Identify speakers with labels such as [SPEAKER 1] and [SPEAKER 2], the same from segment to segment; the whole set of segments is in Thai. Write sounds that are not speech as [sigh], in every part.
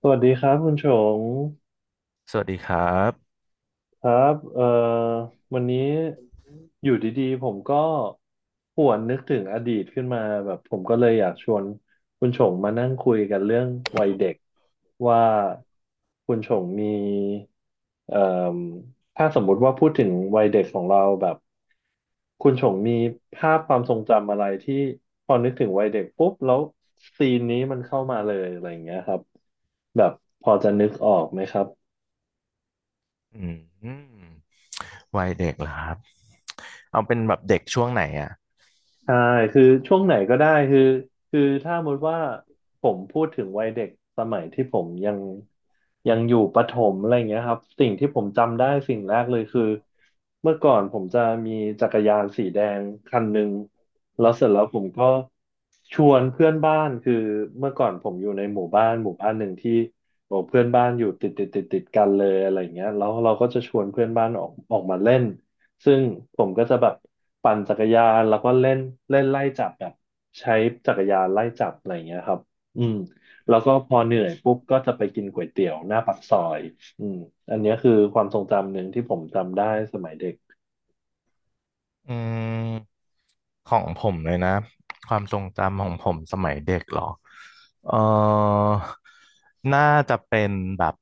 [SPEAKER 1] สวัสดีครับคุณชง
[SPEAKER 2] สวัสดีครับ
[SPEAKER 1] ครับวันนี้อยู่ดีๆผมก็หวนนึกถึงอดีตขึ้นมาแบบผมก็เลยอยากชวนคุณชงมานั่งคุยกันเรื่องวัยเด็กว่าคุณชงมีเอ่มถ้าสมมุติว่าพูดถึงวัยเด็กของเราแบบคุณชงมีภาพความทรงจำอะไรที่พอนึกถึงวัยเด็กปุ๊บแล้วซีนนี้มันเข้ามาเลยอะไรอย่างเงี้ยครับแบบพอจะนึกออกไหมครับ
[SPEAKER 2] อืมวัยเด็กเหรอครับเอาเป็นแบบเด็กช่วงไหนอ่ะ
[SPEAKER 1] ใช่คือช่วงไหนก็ได้คือถ้าสมมติว่าผมพูดถึงวัยเด็กสมัยที่ผมยังอยู่ประถมอะไรอย่างเงี้ยครับสิ่งที่ผมจำได้สิ่งแรกเลยคือเมื่อก่อนผมจะมีจักรยานสีแดงคันหนึ่งแล้วเสร็จแล้วผมก็ชวนเพื่อนบ้านคือเมื่อก่อนผมอยู่ในหมู่บ้านหนึ่งที่โอ้เพื่อนบ้านอยู่ติดติดติดติดกันเลยอะไรอย่างเงี้ยแล้วเราก็จะชวนเพื่อนบ้านออกมาเล่น ซึ่งผมก็จะแบบปั่นจักรยานแล้วก็เล่นเล่นไล่จับแบบใช้จักรยานไล่จับอะไรอย่างเงี้ยครับอืมแล้วก็พอเหนื่อยปุ๊บก็จะไปกินก๋วยเตี๋ยวหน้าปากซอยอืมอันเนี้ยคือความทรงจำหนึ่งที่ผมจำได้สมัยเด็ก
[SPEAKER 2] อืมของผมเลยนะความทรงจำของผมสมัยเด็กเหรอเออน่าจะเป็นแบบ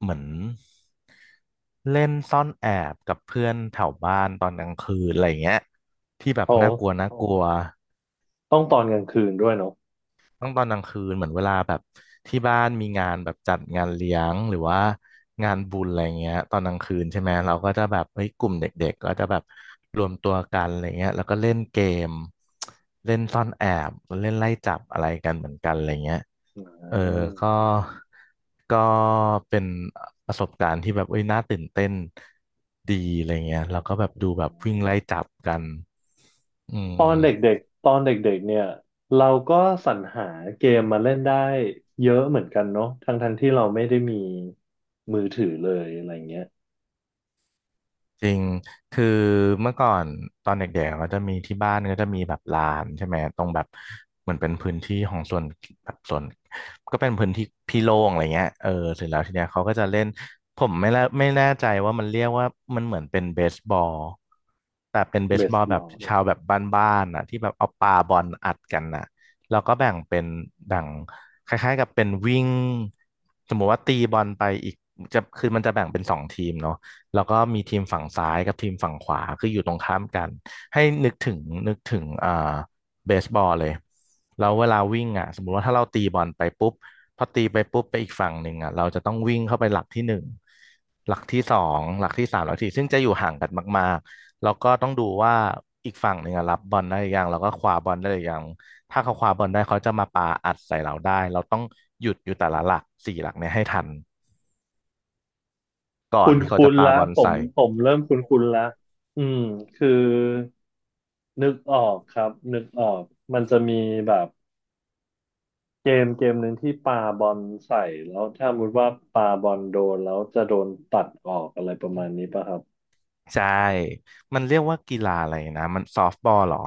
[SPEAKER 2] เหมือนเล่นซ่อนแอบกับเพื่อนแถวบ้านตอนกลางคืนอะไรอย่างเงี้ยที่แบบ
[SPEAKER 1] โอ้
[SPEAKER 2] น่ากลัวน่ากลัว
[SPEAKER 1] ต้องตอนกลางคืนด้วยเนาะ
[SPEAKER 2] ต้องตอนกลางคืนเหมือนเวลาแบบที่บ้านมีงานแบบจัดงานเลี้ยงหรือว่างานบุญอะไรเงี้ยตอนกลางคืนใช่ไหมเราก็จะแบบเฮ้ยกลุ่มเด็กๆก็จะแบบรวมตัวกันอะไรเงี้ยแล้วก็เล่นเกมเล่นซ่อนแอบเล่นไล่จับอะไรกันเหมือนกันอะไรเงี้ย
[SPEAKER 1] อ่า
[SPEAKER 2] เออก็ก็เป็นประสบการณ์ที่แบบเอ้ยน่าตื่นเต้นดีอะไรเงี้ยเราก็แบบ
[SPEAKER 1] อื
[SPEAKER 2] ดูแบบวิ่งไล่
[SPEAKER 1] ม
[SPEAKER 2] จับกันอื
[SPEAKER 1] ตอนเด
[SPEAKER 2] ม
[SPEAKER 1] ็กๆตอนเด็กๆเนี่ยเราก็สรรหาเกมมาเล่นได้เยอะเหมือนกันเนาะทั้งๆที่เราไม่ได้มีมือถือเลยอะไรเงี้ย
[SPEAKER 2] จริง คือเมื่อก่อนตอนเด็กๆก็จะมีที่บ้านก็จะมีแบบลานใช่ไหมตรงแบบเหมือนเป็นพื้นที่ของส่วนแบบส่วนก็เป็นพื้นที่พี่โล่งอะไรเงี้ยเออเสร็จแล้วทีเนี้ยเขาก็จะเล่นผมไม่แน่ใจว่ามันเรียกว่ามันเหมือนเป็นเบสบอลแต่เป็นเบ
[SPEAKER 1] เบ
[SPEAKER 2] สบ
[SPEAKER 1] ส
[SPEAKER 2] อล
[SPEAKER 1] บ
[SPEAKER 2] แบ
[SPEAKER 1] อ
[SPEAKER 2] บ
[SPEAKER 1] ล
[SPEAKER 2] ชาวแบบบ้านๆอ่ะที่แบบเอาปาบอลอัดกันน่ะแล้วก็แบ่งคล้ายๆกับเป็นวิ่งสมมติว่าตีบอลไปอีกจะคือมันจะแบ่งเป็นสองทีมเนาะ แล้วก็มีทีมฝั่งซ้ายกับทีมฝั่งขวาคืออยู่ตรงข้ามกันให้นึกถึงเบสบอลเลยแล้วเวลาวิ่งอ่ะสมมุติว่าถ้าเราตีบอลไปปุ๊บพอตีไปปุ๊บไปอีกฝั่งหนึ่งอ่ะเราจะต้องวิ่งเข้าไปหลักที่หนึ่งหลักที่สองหลักที่สามหลักที่สี่ซึ่งจะอยู่ห่างกันมากๆแล้วก็ต้องดูว่าอีกฝั่งหนึ่งอะรับบอลได้หรือยังแล้วก็คว้าบอลได้หรือยังถ้าเขาคว้าบอลได้เขาจะมาปาอัดใส่เราได้เราต้องหยุดอยู่แต่ละหลักสี่หลักเนี่ยให้ทันก่อ
[SPEAKER 1] คุ
[SPEAKER 2] น
[SPEAKER 1] ณ
[SPEAKER 2] ที่เขา
[SPEAKER 1] คุ
[SPEAKER 2] จะ
[SPEAKER 1] ณ
[SPEAKER 2] ปา
[SPEAKER 1] ละ
[SPEAKER 2] บอล
[SPEAKER 1] ผม
[SPEAKER 2] ใส่
[SPEAKER 1] ผมเริ่มคุณละอืมคือนึกออกครับนึกออกมันจะมีแบบเกมหนึ่งที่ปาบอลใส่แล้วถ้าสมมติว่าปาบอลโดนแล้วจะโดนตัดออกอะไรประมาณนี้ป่ะครับ
[SPEAKER 2] ใช่ มันเรียกว่ากีฬาอะไรนะ มันซอฟต์บอลเหรอ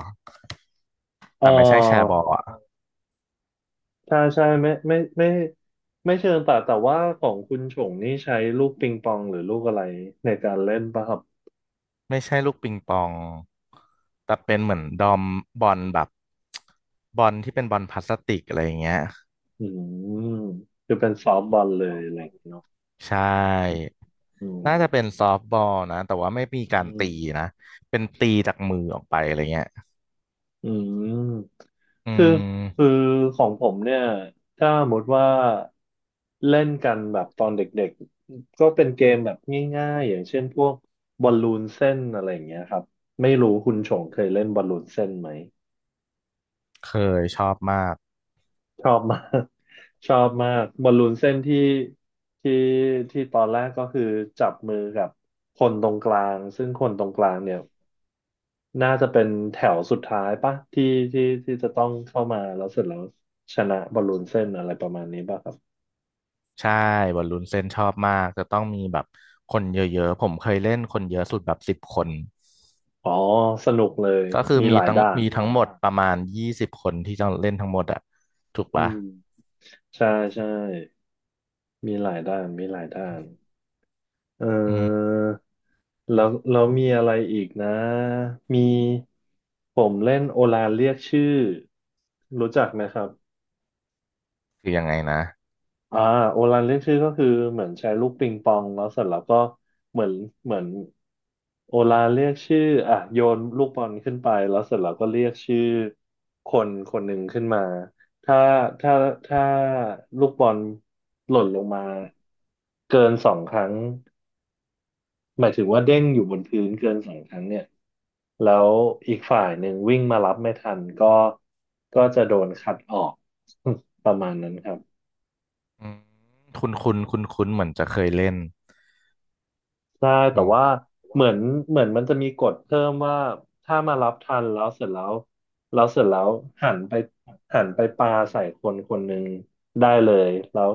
[SPEAKER 1] เอ
[SPEAKER 2] แต่ไม่ใช่แชร์
[SPEAKER 1] อ
[SPEAKER 2] บอลอ่ะ
[SPEAKER 1] ใช่ใช่ไม่ไม่ไม่ไม่เชิงตัดแต่ว่าของคุณฉงนี่ใช้ลูกปิงปองหรือลูกอะไรในการเล่นป่ะครับ
[SPEAKER 2] ไม่ใช่ลูกปิงปอง แต่เป็นเหมือนดอมบอลแบบบอลที่เป็นบอลพลาสติกอะไรอย่างเงี้ย
[SPEAKER 1] อืมคือเป็นซอฟต์บอลเลยอะไรอย่างเงี้ยเนาะ
[SPEAKER 2] ใช่
[SPEAKER 1] อื
[SPEAKER 2] น่าจะเป็น
[SPEAKER 1] ม
[SPEAKER 2] ซอฟต์บอลนะแต่ว่าไม่มีกา
[SPEAKER 1] อื
[SPEAKER 2] รตี
[SPEAKER 1] ม
[SPEAKER 2] นะ เป็นตีจากมือออกไปอะไรเงี้ย
[SPEAKER 1] อืม
[SPEAKER 2] อื
[SPEAKER 1] คือคือ
[SPEAKER 2] ม
[SPEAKER 1] ของผมเนี่ยถ้าสมมติว่าเล่นกันแบบตอนเด็กๆก็เป็นเกมแบบง่ายๆอย่างเช่นพวกบอลลูนเส้นอะไรอย่างเงี้ยครับไม่รู้คุณชงเคยเล่นบอลลูนเส้นไหม
[SPEAKER 2] เคยชอบมาก
[SPEAKER 1] ชอบมาก [laughs] ชอบมากบอลลูนเส้นที่ที่ตอนแรกก็คือจับมือกับคนตรงกลางซึ่งคนตรงกลางเนี่ย น่าจะเป็นแถวสุดท้ายปะที่จะต้องเข้ามาแล้วเสร็จแล้วชนะบอลลูนเส้นอะไรประมาณนี้ป่ะครับ
[SPEAKER 2] ใช่บอลลูนเส้นชอบมาก จะต้องมีแบบคนเยอะๆ ผมเคยเล่นคนเยอะสุดแบบ10 คน
[SPEAKER 1] อ๋อสนุกเลย
[SPEAKER 2] ก็คือ
[SPEAKER 1] มีหลายด้าน
[SPEAKER 2] มีทั้งหมดประมาณ20 คนที่จะเล่นทั้งหมดอะถูก
[SPEAKER 1] อื
[SPEAKER 2] ปะ
[SPEAKER 1] มใช่ใช่มีหลายด้านมีหลายด้านเ
[SPEAKER 2] อืม
[SPEAKER 1] ออแล้วมีอะไรอีกนะมีผมเล่นโอลานเรียกชื่อรู้จักไหมครับ
[SPEAKER 2] คือยังไงนะ
[SPEAKER 1] อ่าโอรันเรียกชื่อก็คือเหมือนใช้ลูกปิงปองแล้วเสร็จแล้วก็เหมือนเหมือนโอรันเรียกชื่ออ่ะโยนลูกบอลขึ้นไปแล้วเสร็จแล้วก็เรียกชื่อคนคนหนึ่งขึ้นมาถ้าถ้าถ้าลูกบอลหล่นลงมาเกินสองครั้งหมายถึงว่าเด้งอยู่บนพื้นเกินสองครั้งเนี่ยแล้วอีกฝ่ายหนึ่งวิ่งมารับไม่ทันก็จะโดนคัดออก [laughs] ประมาณนั้นครับ
[SPEAKER 2] อืมคุณเหมือนจะเคยเล่น
[SPEAKER 1] ใช่
[SPEAKER 2] อื
[SPEAKER 1] แต่
[SPEAKER 2] ม
[SPEAKER 1] ว่าเหมือนเหมือนมันจะมีกฎเพิ่มว่าถ้ามารับทันแล้วเสร็จแล้วแล้วเสร็จแล้วหันไปหันไปปาใส่คนคนหนึ่งได้เลยแล้ว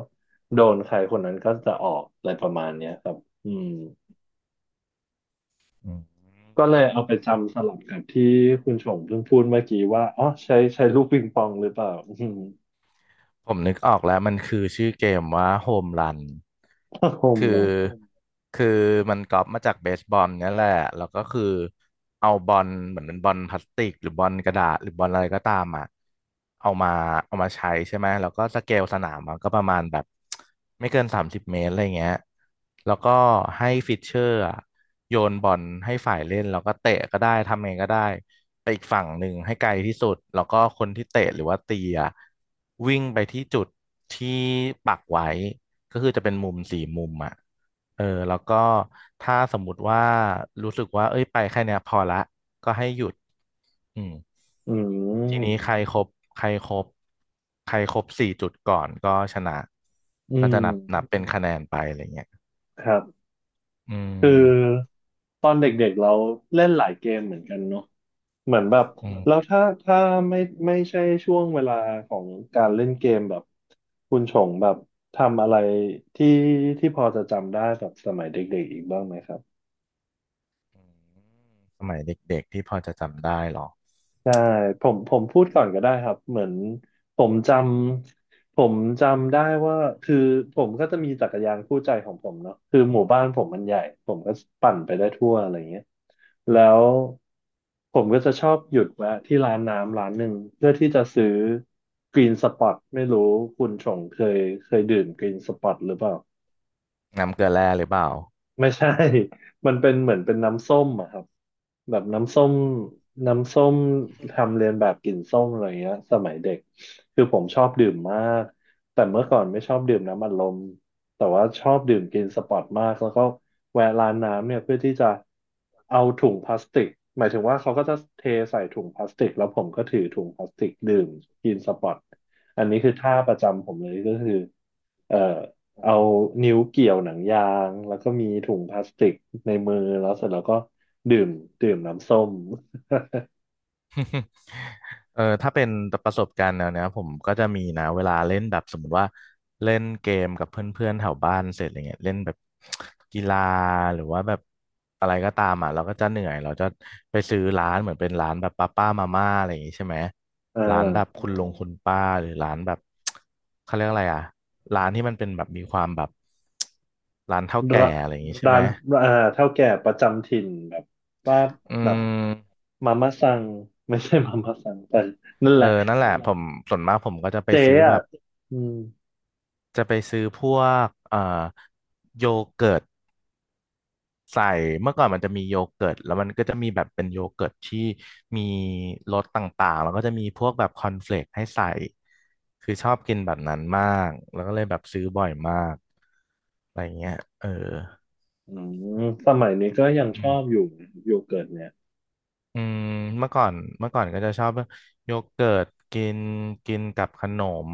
[SPEAKER 1] โดนใครคนนั้นก็จะออกอะไรประมาณเนี้ยครับอืม
[SPEAKER 2] อืม
[SPEAKER 1] ก็เลยเอาไปจำสลับกับที่คุณชงเพิ่งพูดเมื่อกี้ว่าอ๋อใช้ลูกปิงปองหรือเปล่าอืม
[SPEAKER 2] ผมนึกออกแล้วมันคือชื่อเกมว่าโฮมรัน
[SPEAKER 1] [laughs] ก็คง
[SPEAKER 2] คือ
[SPEAKER 1] แบบ
[SPEAKER 2] คือมันก๊อปมาจากเบสบอลเนี่ยแหละแล้วก็คือเอาบอลเหมือนเป็นบอลพลาสติกหรือบอลกระดาษหรือบอลอะไรก็ตามอ่ะเอามาเอามาใช้ใช่ไหมแล้วก็สเกลสนามมันก็ประมาณแบบไม่เกิน30 เมตรอะไรเงี้ยแล้วก็ให้ฟิชเชอร์อะโยนบอลให้ฝ่ายเล่นแล้วก็เตะก็ได้ทำไงก็ได้ไปอีกฝั่งหนึ่งให้ไกลที่สุดแล้วก็คนที่เตะหรือว่าตีอะวิ่งไปที่จุดที่ปักไว้ ก็คือจะเป็นมุมสี่มุมอ่ะเออ แล้วก็ถ้าสมมุติว่ารู้สึกว่าเอ้ยไปแค่เนี้ยพอละก็ให้หยุดอืม
[SPEAKER 1] อื
[SPEAKER 2] ทีนี้
[SPEAKER 1] ม
[SPEAKER 2] ใครครบ ใครครบสี่จุดก่อนก็ชนะ
[SPEAKER 1] อื
[SPEAKER 2] ก็
[SPEAKER 1] ม
[SPEAKER 2] จะนับเป็นคะแนนไปอะไรเงี้ย
[SPEAKER 1] ครับ
[SPEAKER 2] อืม
[SPEAKER 1] คือตอนเด็กๆเราเล่นหลายเกมเหมือนกันเนาะเหมือนแบบ
[SPEAKER 2] อื
[SPEAKER 1] แล้ว
[SPEAKER 2] ม
[SPEAKER 1] ถ้าไม่ไม่ใช่ช่วงเวลาของการเล่นเกมแบบคุณชงแบบทำอะไรที่ที่พอจะจำได้แบบสมัยเด็กๆอีกบ้างไหมครับ
[SPEAKER 2] สมัยเด็กๆที่พอจะจำได้หรอ
[SPEAKER 1] ใช่ผมพูดก่อนก็ได้ครับเหมือนผมจผมจำได้ว่าคือผมก็จะมีจักรยานคู่ใจของผมเนาะคือหมู่บ้านผมมันใหญ่ผมก็ปั่นไปได้ทั่วอะไรเงี้ยแล้วผมก็จะชอบหยุดแวะที่ร้านน้ำร้านหนึ่งเพื่อที่จะซื้อกรีนสปอตไม่รู้คุณชงเคยดื่มกรีนสปอตหรือเปล่า
[SPEAKER 2] น้ำเกลือแร่หรือเปล่า
[SPEAKER 1] ไม่ใช่ [laughs] มันเป็นเหมือนเป็นน้ำส้มอะครับแบบน้ำส้มทำเรียนแบบกลิ่นส้มอะไรเงี้ยสมัยเด็กคือผมชอบดื่มมากแต่เมื่อก่อนไม่ชอบดื่มน้ำอัดลมแต่ว่าชอบดื่มกินสปอร์ตมากแล้วก็แวะร้านน้ำเนี่ยเพื่อที่จะเอาถุงพลาสติกหมายถึงว่าเขาก็จะเทใส่ถุงพลาสติกแล้วผมก็ถือถุงพลาสติกดื่มกินสปอร์ตอันนี้คือท่าประจำผมเลยก็คือเอ่อ เอานิ้วเกี่ยวหนังยางแล้วก็มีถุงพลาสติกในมือแล้วเสร็จแล้วก็ดื่มดื่มน้ำส้ม
[SPEAKER 2] [laughs] เออถ้าเป็นประสบการณ์แนวเนี้ยผมก็จะมีนะเวลาเล่นแบบสมมติว่าเล่นเกมกับเพื่อนๆแถวบ้านเสร็จอะไรเงี้ยเล่นแบบกีฬาหรือว่าแบบอะไรก็ตามอ่ะเราก็จะเหนื่อยเราจะไปซื้อร้านเหมือนเป็นร้านแบบป้ามาม่าอะไรอย่างงี้ใช่ไหม
[SPEAKER 1] อ่
[SPEAKER 2] ร้านแบบ
[SPEAKER 1] า
[SPEAKER 2] คุณลุงคุณป้าหรือร้านแบบ [tsk] เขาเรียกอะไรอ่ะร้านที่มันเป็นแบบมีความแบบร้านเฒ่าแก่
[SPEAKER 1] ร้า
[SPEAKER 2] อะไรอย่างงี้ใช่
[SPEAKER 1] ร้า
[SPEAKER 2] ไหม
[SPEAKER 1] นเฒ่าแก่ประจำถิ่นแบบป้า
[SPEAKER 2] อื
[SPEAKER 1] แบบ
[SPEAKER 2] อม
[SPEAKER 1] มาม่าซังไม่ใช่มาม่าซังแต่นั่นแหละ
[SPEAKER 2] นั่นแหละผมส่วนมากผมก็จะไป
[SPEAKER 1] เจ๊
[SPEAKER 2] ซื้อแบ
[SPEAKER 1] อ่ะ
[SPEAKER 2] บ
[SPEAKER 1] อืม
[SPEAKER 2] จะไปซื้อพวกโยเกิร์ตใส่เมื่อก่อนมันจะมีโยเกิร์ตแล้วมันก็จะมีแบบเป็นโยเกิร์ตที่มีรสต่างๆแล้วก็จะมีพวกแบบคอนเฟลกให้ใส่คือชอบกินแบบนั้นมากแล้วก็เลยแบบซื้อบ่อยมากอะไรเงี้ยเออ
[SPEAKER 1] อืสมัยนี้ก็ยัง
[SPEAKER 2] อื
[SPEAKER 1] ชอบอ
[SPEAKER 2] ม
[SPEAKER 1] ยู่นะโยเกิร์ตเนี่ย
[SPEAKER 2] อืมเมื่อก่อนเมื่อก่อนก็จะชอบโยเกิร์ตกินกินกับขนม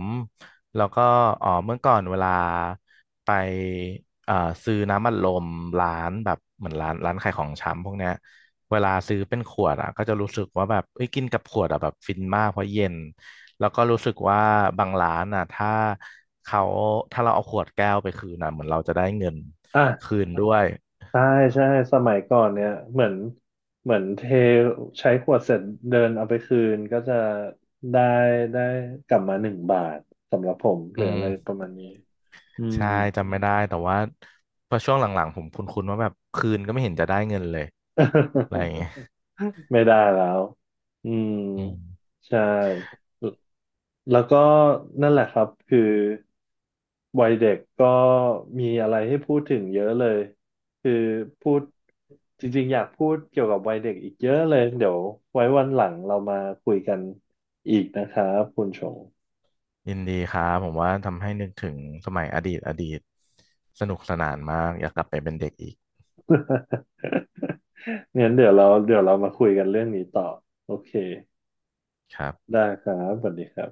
[SPEAKER 2] แล้วก็อ๋อเมื่อก่อนเวลาไปเอ่อซื้อน้ำอัดลมร้านแบบเหมือนร้านขายของชำพวกเนี้ยเวลาซื้อเป็นขวดอ่ะก็จะรู้สึกว่าแบบเอ้ยกินกับขวดอ่ะแบบฟินมากเพราะเย็นแล้วก็รู้สึกว่าบางร้านอ่ะเขาถ้าเราเอาขวดแก้วไปคืนอ่ะเหมือนเราจะได้เงิน
[SPEAKER 1] อ่ะ
[SPEAKER 2] คืนด้วย
[SPEAKER 1] ใช่ใช่สมัยก่อนเนี่ยเหมือนเทใช้ขวดเสร็จเดินเอาไปคืนก็จะได้ได้กลับมา1 บาทสำหรับผมเห
[SPEAKER 2] อื
[SPEAKER 1] ลืออะ
[SPEAKER 2] ม
[SPEAKER 1] ไรประมาณนี้อืม
[SPEAKER 2] ใช่จำไม่ได้แต่ว่าพอช่วงหลังๆผมคุ้นๆว่าแบบคืนก็ไม่เห็นจะได้เงินเลยอะไรอย่าง
[SPEAKER 1] [laughs]
[SPEAKER 2] เงี้ย
[SPEAKER 1] ไม่ได้แล้วอืม
[SPEAKER 2] อืม
[SPEAKER 1] ใช่ แล้วก็นั่นแหละครับคือวัยเด็กก็มีอะไรให้พูดถึงเยอะเลยคือพูดจริงๆอยากพูดเกี่ยวกับวัยเด็กอีกเยอะเลยเดี๋ยวไว้วันหลังเรามาคุยกันอีกนะครับคุณชง
[SPEAKER 2] ยินดีครับผมว่าทำให้นึกถึงสมัยอดีตอดีตสนุกสนานมากอยากกลับไปเป็นเด็กอีก
[SPEAKER 1] [laughs] งั้นเดี๋ยวเรามาคุยกันเรื่องนี้ต่อโอเค
[SPEAKER 2] ครับ
[SPEAKER 1] ได้ครับสวัสดีครับ